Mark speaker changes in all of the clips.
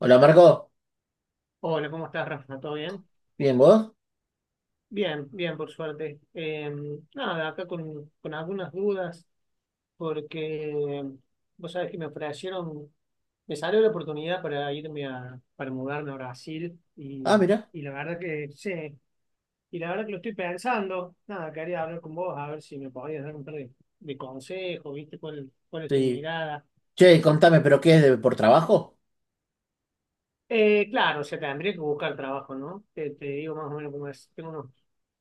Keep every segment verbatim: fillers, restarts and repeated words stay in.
Speaker 1: Hola Marco,
Speaker 2: Hola, ¿cómo estás, Rafa? ¿Todo bien?
Speaker 1: ¿bien vos?
Speaker 2: Bien, bien, por suerte. Eh, nada, acá con, con algunas dudas, porque em, vos sabés que me ofrecieron, me salió la oportunidad para irme a, para mudarme a Brasil, y,
Speaker 1: Ah, mira,
Speaker 2: y la verdad que sí, y la verdad que lo estoy pensando. Nada, quería hablar con vos, a ver si me podías dar un par de, de consejos, ¿viste? ¿Cuál, cuál es tu
Speaker 1: sí.
Speaker 2: mirada?
Speaker 1: Che, contame, ¿pero qué es de, por trabajo?
Speaker 2: Eh, claro, o sea, tendría que buscar trabajo, ¿no? Te, te digo más o menos cómo es. Tengo unos,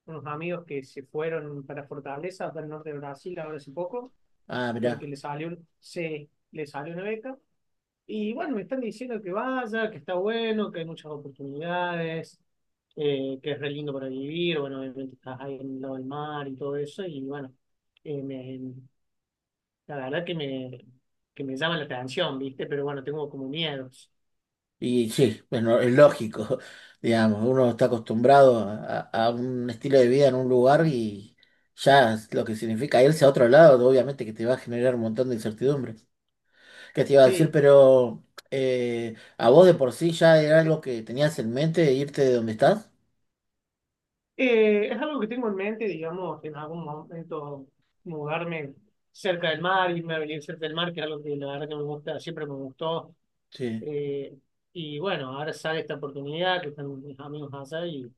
Speaker 2: unos amigos que se fueron para Fortaleza, para el norte de Brasil, ahora hace poco,
Speaker 1: Ah,
Speaker 2: porque
Speaker 1: mira.
Speaker 2: le salió, un- se, le salió una beca. Y bueno, me están diciendo que vaya, que está bueno, que hay muchas oportunidades, eh, que es re lindo para vivir. Bueno, obviamente estás ahí en el lado del mar y todo eso. Y bueno, eh, me- la verdad que me, que me llama la atención, ¿viste? Pero bueno, tengo como miedos.
Speaker 1: Y sí, bueno, es lógico, digamos, uno está acostumbrado a, a a un estilo de vida en un lugar y ya es lo que significa irse a otro lado, obviamente que te va a generar un montón de incertidumbre. ¿Qué te iba a decir?
Speaker 2: Sí.
Speaker 1: Pero eh, a vos de por sí ya era algo que tenías en mente, irte de donde estás.
Speaker 2: Eh, es algo que tengo en mente, digamos, en algún momento mudarme cerca del mar, irme a venir cerca del mar, que es algo que la verdad que me gusta, siempre me gustó.
Speaker 1: Sí.
Speaker 2: Eh, y bueno, ahora sale esta oportunidad que están mis amigos allá y,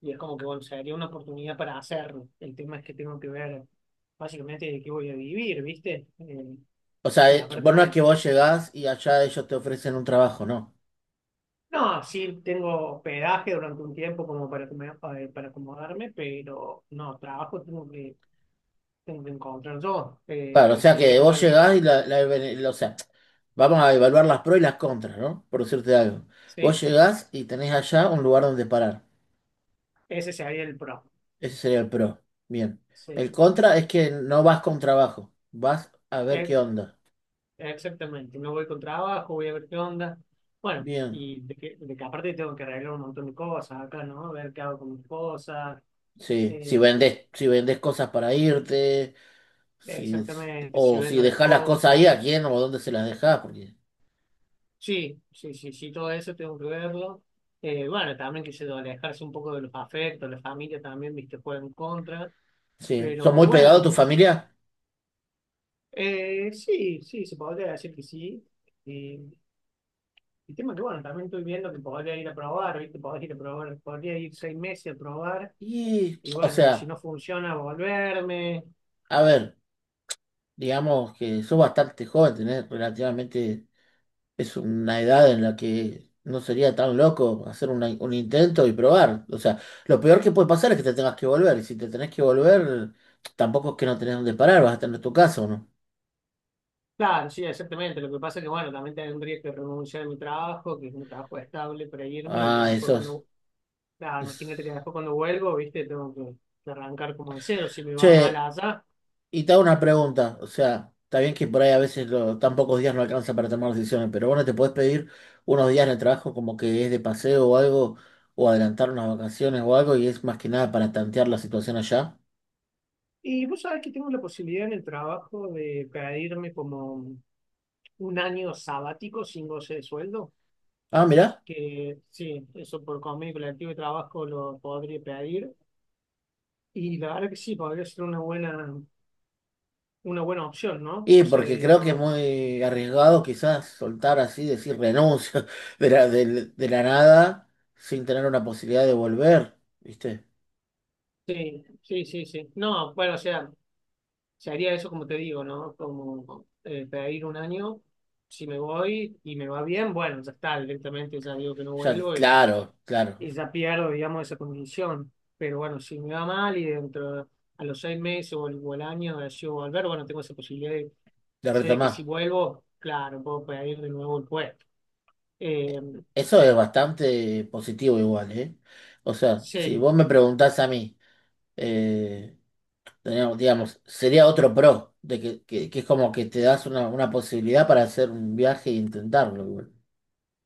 Speaker 2: y es como que, bueno, sería una oportunidad para hacerlo. El tema es que tengo que ver básicamente de qué voy a vivir, ¿viste? Eh,
Speaker 1: O sea,
Speaker 2: y
Speaker 1: eh,
Speaker 2: aparte,
Speaker 1: vos no es
Speaker 2: bueno,
Speaker 1: que vos llegás y allá ellos te ofrecen un trabajo, ¿no?
Speaker 2: no, sí tengo hospedaje durante un tiempo como para, acom- para acomodarme, pero no, trabajo tengo que tengo que encontrar yo.
Speaker 1: Claro, o
Speaker 2: Eh,
Speaker 1: sea
Speaker 2: si
Speaker 1: que
Speaker 2: bien,
Speaker 1: vos
Speaker 2: bueno,
Speaker 1: llegás y la, la- la- o sea, vamos a evaluar las pros y las contras, ¿no? Por decirte algo. Vos
Speaker 2: sí,
Speaker 1: llegás y tenés allá un lugar donde parar.
Speaker 2: ese sería el pro.
Speaker 1: Ese sería el pro. Bien.
Speaker 2: Sí,
Speaker 1: El contra es que no vas con trabajo, vas a ver
Speaker 2: e-
Speaker 1: qué onda.
Speaker 2: exactamente. Me voy con trabajo, voy a ver qué onda. Bueno,
Speaker 1: Bien.
Speaker 2: y de que, de que aparte tengo que arreglar un montón de cosas acá, ¿no? A ver qué hago con mis cosas.
Speaker 1: Sí, si
Speaker 2: eh,
Speaker 1: vendés, si vendés cosas para irte, si,
Speaker 2: exactamente, si
Speaker 1: o si
Speaker 2: vendo las
Speaker 1: dejás las cosas ahí,
Speaker 2: cosas.
Speaker 1: a quién o dónde se las dejás, porque
Speaker 2: Sí, sí, sí, sí, todo eso tengo que verlo. Eh, bueno, también que se alejarse un poco de los afectos, la familia también, viste, juega en contra.
Speaker 1: sí, son
Speaker 2: Pero
Speaker 1: muy pegados a
Speaker 2: bueno,
Speaker 1: tu
Speaker 2: no.
Speaker 1: familia.
Speaker 2: Eh, sí, sí, se podría decir que sí. Eh, el tema que, bueno, también estoy viendo que podría ir a probar, ¿viste? Podría ir a probar, podría ir seis meses a probar
Speaker 1: Y,
Speaker 2: y,
Speaker 1: o
Speaker 2: bueno, y si
Speaker 1: sea,
Speaker 2: no funciona, volverme.
Speaker 1: a ver, digamos que sos bastante joven, tenés relativamente, es una edad en la que no sería tan loco hacer una- un intento y probar. O sea, lo peor que puede pasar es que te tengas que volver, y si te tenés que volver, tampoco es que no tenés dónde parar, vas a tener tu casa, ¿o no?
Speaker 2: Claro, sí, exactamente. Lo que pasa es que, bueno, también tendría que renunciar a mi trabajo, que es un trabajo estable para irme y ya
Speaker 1: Ah,
Speaker 2: después
Speaker 1: eso es.
Speaker 2: cuando, claro, imagínate que
Speaker 1: es-
Speaker 2: después cuando vuelvo, ¿viste? Tengo que, que arrancar como de cero si me va mal
Speaker 1: Che,
Speaker 2: allá.
Speaker 1: y te hago una pregunta, o sea, está bien que por ahí a veces lo- tan pocos días no alcanza para tomar decisiones, pero bueno, te podés pedir unos días en el trabajo como que es de paseo o algo, o adelantar unas vacaciones o algo, y es más que nada para tantear la situación allá.
Speaker 2: Y vos sabés que tengo la posibilidad en el trabajo de pedirme como un año sabático sin goce de sueldo,
Speaker 1: Ah, mirá.
Speaker 2: que sí, eso por convenio colectivo de trabajo lo podría pedir. Y la verdad que sí, podría ser una buena, una buena opción, ¿no?
Speaker 1: Y
Speaker 2: Cosa
Speaker 1: porque
Speaker 2: de
Speaker 1: creo que es
Speaker 2: no.
Speaker 1: muy arriesgado quizás soltar así, decir renuncio de la, del- de la nada sin tener una posibilidad de volver, ¿viste?
Speaker 2: Sí, sí, sí, sí. No, bueno, o sea, se haría eso como te digo, ¿no? Como eh, pedir un año, si me voy y me va bien, bueno, ya está, directamente ya digo que no
Speaker 1: Ya,
Speaker 2: vuelvo y
Speaker 1: claro, claro,
Speaker 2: y ya pierdo, digamos, esa condición. Pero bueno, si me va mal y dentro de- a los seis meses o el, o el año decido volver, bueno, tengo esa posibilidad de,
Speaker 1: de
Speaker 2: sé de que si
Speaker 1: retomar.
Speaker 2: vuelvo, claro, puedo pedir de nuevo el puesto. Eh,
Speaker 1: Eso es bastante positivo igual, ¿eh? O sea, si
Speaker 2: sí,
Speaker 1: vos me preguntás a mí, eh, teníamos- digamos, sería otro pro, de que, que- que es como que te das una, una posibilidad para hacer un viaje e intentarlo igual.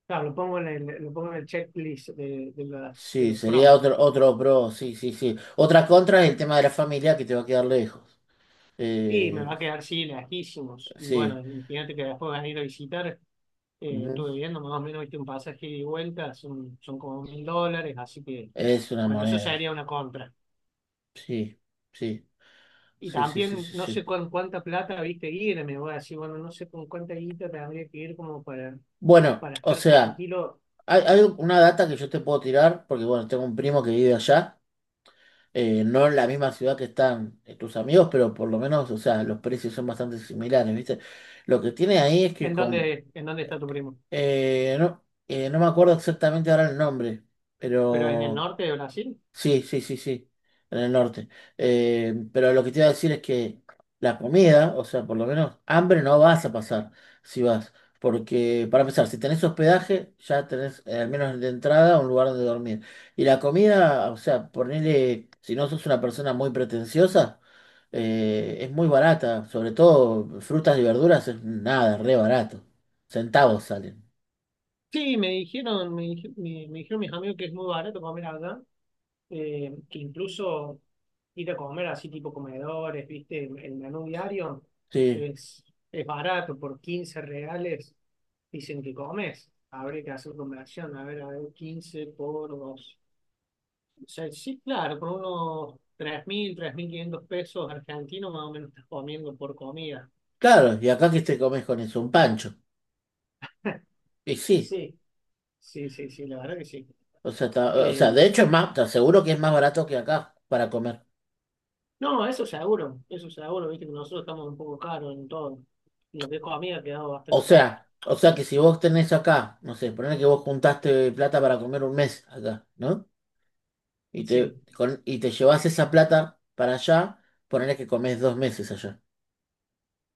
Speaker 2: claro, lo pongo en el, lo pongo en el checklist de, de, las- de
Speaker 1: Sí,
Speaker 2: los
Speaker 1: sería
Speaker 2: pros.
Speaker 1: otro, otro pro, sí, sí, sí. Otra contra es el tema de la familia que te va a quedar lejos.
Speaker 2: Y me
Speaker 1: Eh,
Speaker 2: va a quedar, sí, lejísimos. Y bueno,
Speaker 1: sí,
Speaker 2: imagínate que después van a ir a visitar. Eh,
Speaker 1: ujú.
Speaker 2: estuve viendo más o menos, viste, un pasaje ida y vuelta, son, son como mil dólares, así que,
Speaker 1: Es una
Speaker 2: bueno, eso
Speaker 1: moneda.
Speaker 2: sería una contra.
Speaker 1: Sí, sí,
Speaker 2: Y
Speaker 1: sí, sí, sí,
Speaker 2: también
Speaker 1: sí,
Speaker 2: no
Speaker 1: sí.
Speaker 2: sé con cuánta plata, viste, irme me voy a decir, bueno, no sé con cuánta guita tendría que ir como para,
Speaker 1: Bueno,
Speaker 2: para
Speaker 1: o
Speaker 2: estar
Speaker 1: sea,
Speaker 2: tranquilo.
Speaker 1: Hay, hay una data que yo te puedo tirar, porque bueno, tengo un primo que vive allá, eh, no en la misma ciudad que están eh, tus amigos, pero por lo menos, o sea, los precios son bastante similares, ¿viste? Lo que tiene ahí es que
Speaker 2: ¿En
Speaker 1: con,
Speaker 2: dónde, en dónde está tu primo?
Speaker 1: eh, no, eh, no me acuerdo exactamente ahora el nombre,
Speaker 2: ¿Pero en el
Speaker 1: pero
Speaker 2: norte de Brasil?
Speaker 1: sí, sí, sí, sí, en el norte. Eh, pero lo que te iba a decir es que la comida, o sea, por lo menos hambre no vas a pasar si vas. Porque, para empezar, si tenés hospedaje, ya tenés eh, al menos de entrada un lugar donde dormir. Y la comida, o sea, ponele, si no sos una persona muy pretenciosa, eh, es muy barata. Sobre todo frutas y verduras es nada, re barato. Centavos salen.
Speaker 2: Sí, me dijeron, me, dij- me- me dijeron mis amigos que es muy barato comer allá, eh, que incluso ir a comer así tipo comedores, viste, el, el menú diario
Speaker 1: Sí,
Speaker 2: es, es barato, por quince reales dicen que comes. Habría que hacer conversión, a ver, a ver, quince por dos. O sea, sí, claro, con unos tres tres mil tres mil quinientos pesos argentinos más o menos estás comiendo por comida.
Speaker 1: claro, y acá que te comes con eso, un pancho. Y sí.
Speaker 2: Sí, sí, sí, sí, la verdad que sí.
Speaker 1: O sea, está- o sea,
Speaker 2: Eh,
Speaker 1: de hecho es más, te aseguro que es más barato que acá para comer.
Speaker 2: no, eso seguro, eso seguro, viste que nosotros estamos un poco caros en todo. Lo que es comida ha quedado
Speaker 1: O
Speaker 2: bastante
Speaker 1: sea,
Speaker 2: caro.
Speaker 1: o sea que si vos tenés acá, no sé, ponele que vos juntaste plata para comer un mes acá, ¿no? Y te,
Speaker 2: Sí,
Speaker 1: con- y te llevas esa plata para allá, ponele que comés dos meses allá.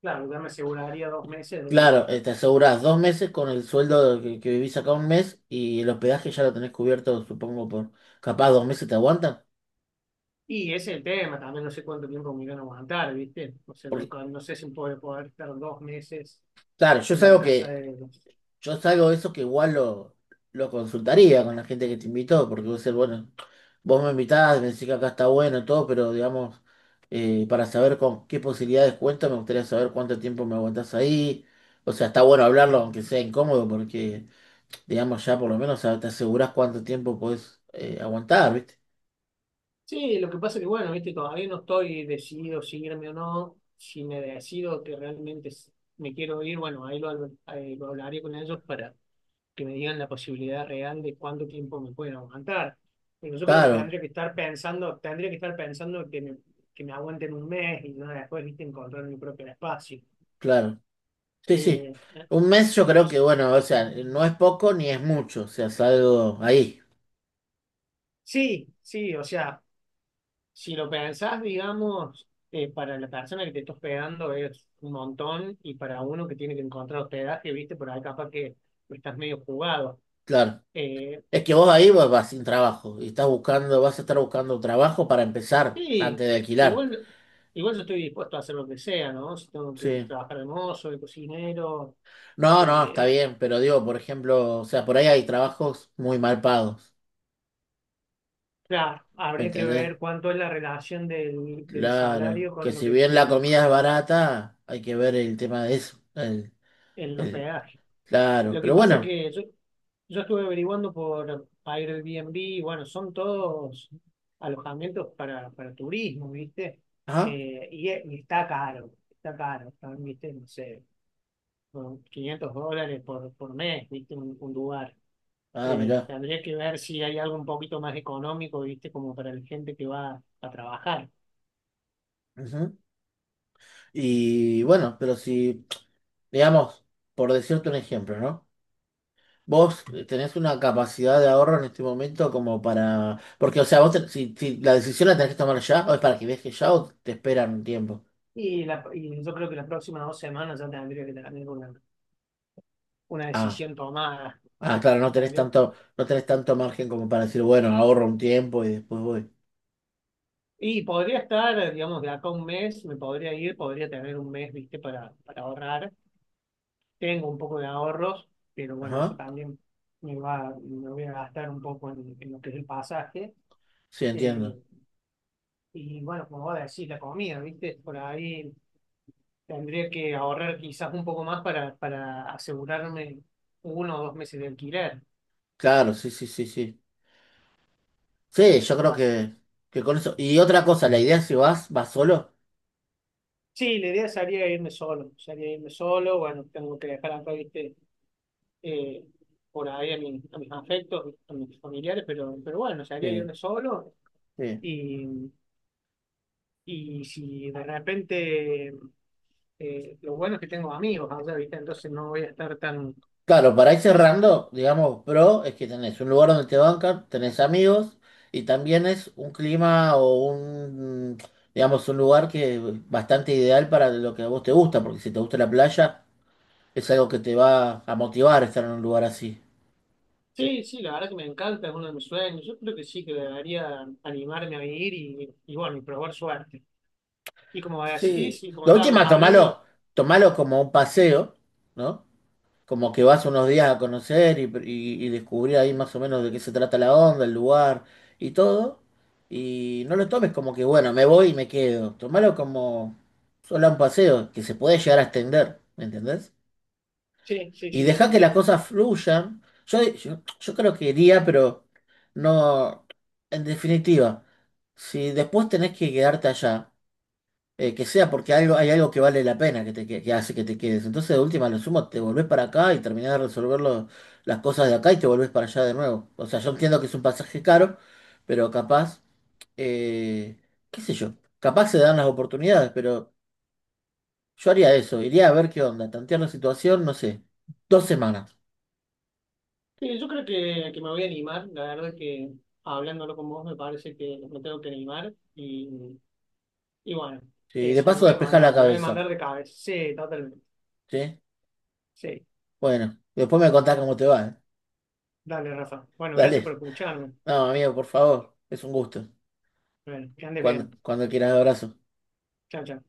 Speaker 2: claro, ya me aseguraría dos meses de...
Speaker 1: Claro, eh, te asegurás dos meses con el sueldo que, que vivís acá un mes y el hospedaje ya lo tenés cubierto, supongo, por capaz dos meses te aguantan.
Speaker 2: Y ese es el tema, también no sé cuánto tiempo me irán a aguantar, ¿viste? O sea, yo
Speaker 1: Porque,
Speaker 2: ca- no sé si puedo poder estar dos meses
Speaker 1: claro, yo
Speaker 2: en
Speaker 1: es
Speaker 2: la
Speaker 1: algo
Speaker 2: casa
Speaker 1: que
Speaker 2: de ellos.
Speaker 1: yo salgo de eso que igual lo, lo consultaría con la gente que te invitó, porque vos decís, bueno, vos me invitás, me decís que acá está bueno, todo, pero digamos, eh, para saber con qué posibilidades cuento, me gustaría saber cuánto tiempo me aguantás ahí. O sea, está bueno hablarlo, aunque sea incómodo, porque, digamos, ya por lo menos te asegurás cuánto tiempo podés eh, aguantar, ¿viste?
Speaker 2: Sí, lo que pasa que, bueno, viste, todavía no estoy decidido si irme o no. Si me decido que realmente s- me quiero ir, bueno, ahí lo, habl- ahí lo hablaré con ellos para que me digan la posibilidad real de cuánto tiempo me pueden aguantar. Pero yo creo que
Speaker 1: Claro,
Speaker 2: tendría que estar pensando, tendría que estar pensando que me, que me aguanten un mes y no después, viste, encontrar mi propio espacio.
Speaker 1: claro. Sí, sí.
Speaker 2: Eh, eh,
Speaker 1: Un mes yo creo que,
Speaker 2: entonces,
Speaker 1: bueno, o sea, no es poco ni es mucho, o sea, salgo ahí,
Speaker 2: sí, sí, o sea. Si lo pensás, digamos, eh, para la persona que te está hospedando es un montón y para uno que tiene que encontrar hospedaje, viste, por ahí capaz que estás medio jugado.
Speaker 1: claro.
Speaker 2: Eh,
Speaker 1: Es que vos ahí vas, vas sin trabajo y estás buscando, vas a estar buscando un trabajo para empezar
Speaker 2: sí,
Speaker 1: antes de alquilar.
Speaker 2: igual, igual yo estoy dispuesto a hacer lo que sea, ¿no? Si tengo que
Speaker 1: Sí.
Speaker 2: trabajar de mozo, de cocinero,
Speaker 1: No, no, está
Speaker 2: eh,
Speaker 1: bien, pero digo, por ejemplo, o sea, por ahí hay trabajos muy mal pagos,
Speaker 2: claro,
Speaker 1: ¿me
Speaker 2: habría que
Speaker 1: entendés?
Speaker 2: ver cuánto es la relación del, del
Speaker 1: Claro,
Speaker 2: salario
Speaker 1: que
Speaker 2: con lo
Speaker 1: si
Speaker 2: que,
Speaker 1: bien la
Speaker 2: lo-
Speaker 1: comida es barata, hay que ver el tema de eso. El,
Speaker 2: el
Speaker 1: el-
Speaker 2: hospedaje.
Speaker 1: claro,
Speaker 2: Lo que
Speaker 1: pero
Speaker 2: pasa
Speaker 1: bueno,
Speaker 2: que yo, yo estuve averiguando por Airbnb, y bueno, son todos alojamientos para, para turismo, ¿viste?
Speaker 1: ajá,
Speaker 2: Eh, y, e- y está caro, está caro, están, ¿viste? No sé, con quinientos dólares por, por mes, ¿viste? Un, un lugar.
Speaker 1: ah,
Speaker 2: Eh,
Speaker 1: mirá,
Speaker 2: tendría que ver si hay algo un poquito más económico, ¿viste? Como para la gente que va a trabajar.
Speaker 1: ujú. Y bueno, pero si, digamos, por decirte un ejemplo, ¿no? Vos tenés una capacidad de ahorro en este momento como para... Porque, o sea, vos ten- si, si la decisión la tenés que tomar ya, o es para que viajes ya o te esperan un tiempo.
Speaker 2: Y, la, y yo creo que las próximas dos semanas ya tendría que tener una, una
Speaker 1: Ah,
Speaker 2: decisión tomada.
Speaker 1: ah, claro, no tenés
Speaker 2: Tendría
Speaker 1: tanto, no tenés tanto margen como para decir, bueno, ahorro un tiempo y después voy.
Speaker 2: Y podría estar, digamos, de acá a un mes, me podría ir, podría tener un mes, viste, para, para ahorrar. Tengo un poco de ahorros, pero bueno, eso
Speaker 1: Ajá,
Speaker 2: también me va, me voy a gastar un poco en, en lo que es el pasaje.
Speaker 1: sí,
Speaker 2: Eh,
Speaker 1: entiendo.
Speaker 2: y bueno, como voy a decir, la comida, viste, por ahí tendría que ahorrar quizás un poco más para, para asegurarme uno o dos meses de alquiler.
Speaker 1: Claro, sí, sí, sí, sí. Sí, yo creo
Speaker 2: Así-
Speaker 1: que, que con eso. Y otra cosa, la idea es si vas, vas solo.
Speaker 2: Sí, la idea sería irme solo, sería irme solo, bueno, tengo que dejar acá, viste eh, por ahí a, mi- a mis afectos, a mis familiares, pero, pero bueno, se haría
Speaker 1: Sí,
Speaker 2: irme solo
Speaker 1: sí.
Speaker 2: y, y si de repente eh, lo bueno es que tengo amigos allá, ¿viste? Entonces no voy a estar tan...
Speaker 1: Claro, para ir
Speaker 2: es-
Speaker 1: cerrando, digamos, pro es que tenés un lugar donde te bancan, tenés amigos y también es un clima o un, digamos, un lugar que es bastante ideal para lo que a vos te gusta, porque si te gusta la playa, es algo que te va a motivar estar en un lugar así.
Speaker 2: sí, sí, la verdad que me encanta, es uno de mis sueños, yo creo que sí, que debería animarme a ir y, y bueno, y probar suerte. Y como así,
Speaker 1: Sí,
Speaker 2: sí, como
Speaker 1: la
Speaker 2: estábamos
Speaker 1: última, tomalo,
Speaker 2: hablando,
Speaker 1: tomalo como un paseo, ¿no? Como que vas unos días a conocer y, y- y descubrir ahí más o menos de qué se trata la onda, el lugar y todo. Y no lo tomes como que, bueno, me voy y me quedo. Tómalo como solo un paseo, que se puede llegar a extender, ¿me entendés?
Speaker 2: sí, sí,
Speaker 1: Y
Speaker 2: sí, sí,
Speaker 1: deja que las
Speaker 2: entiendo.
Speaker 1: cosas fluyan. Yo, yo, yo creo que iría, pero no. En definitiva, si después tenés que quedarte allá eh, que sea porque algo, hay algo que vale la pena que te que, que hace que te quedes. Entonces, de última, lo sumo, te volvés para acá y terminás de resolver lo- las cosas de acá y te volvés para allá de nuevo. O sea, yo entiendo que es un pasaje caro, pero capaz, eh, qué sé yo, capaz se dan las oportunidades, pero yo haría eso, iría a ver qué onda, tantear la situación, no sé, dos semanas.
Speaker 2: Sí, yo creo que, que me voy a animar, la verdad que hablándolo con vos me parece que me tengo que animar y, y bueno,
Speaker 1: ¿Sí? Y de
Speaker 2: eso, me
Speaker 1: paso
Speaker 2: voy a
Speaker 1: despejar la
Speaker 2: mandar, me voy a
Speaker 1: cabeza,
Speaker 2: mandar de cabeza, sí, totalmente,
Speaker 1: ¿sí?
Speaker 2: sí,
Speaker 1: Bueno, después me contás cómo te va, ¿eh?
Speaker 2: dale Rafa. Bueno, gracias por
Speaker 1: Dale.
Speaker 2: escucharme,
Speaker 1: No, amigo, por favor, es un gusto.
Speaker 2: bueno, que andes bien,
Speaker 1: Cuando, cuando quieras, abrazo.
Speaker 2: chao, chao.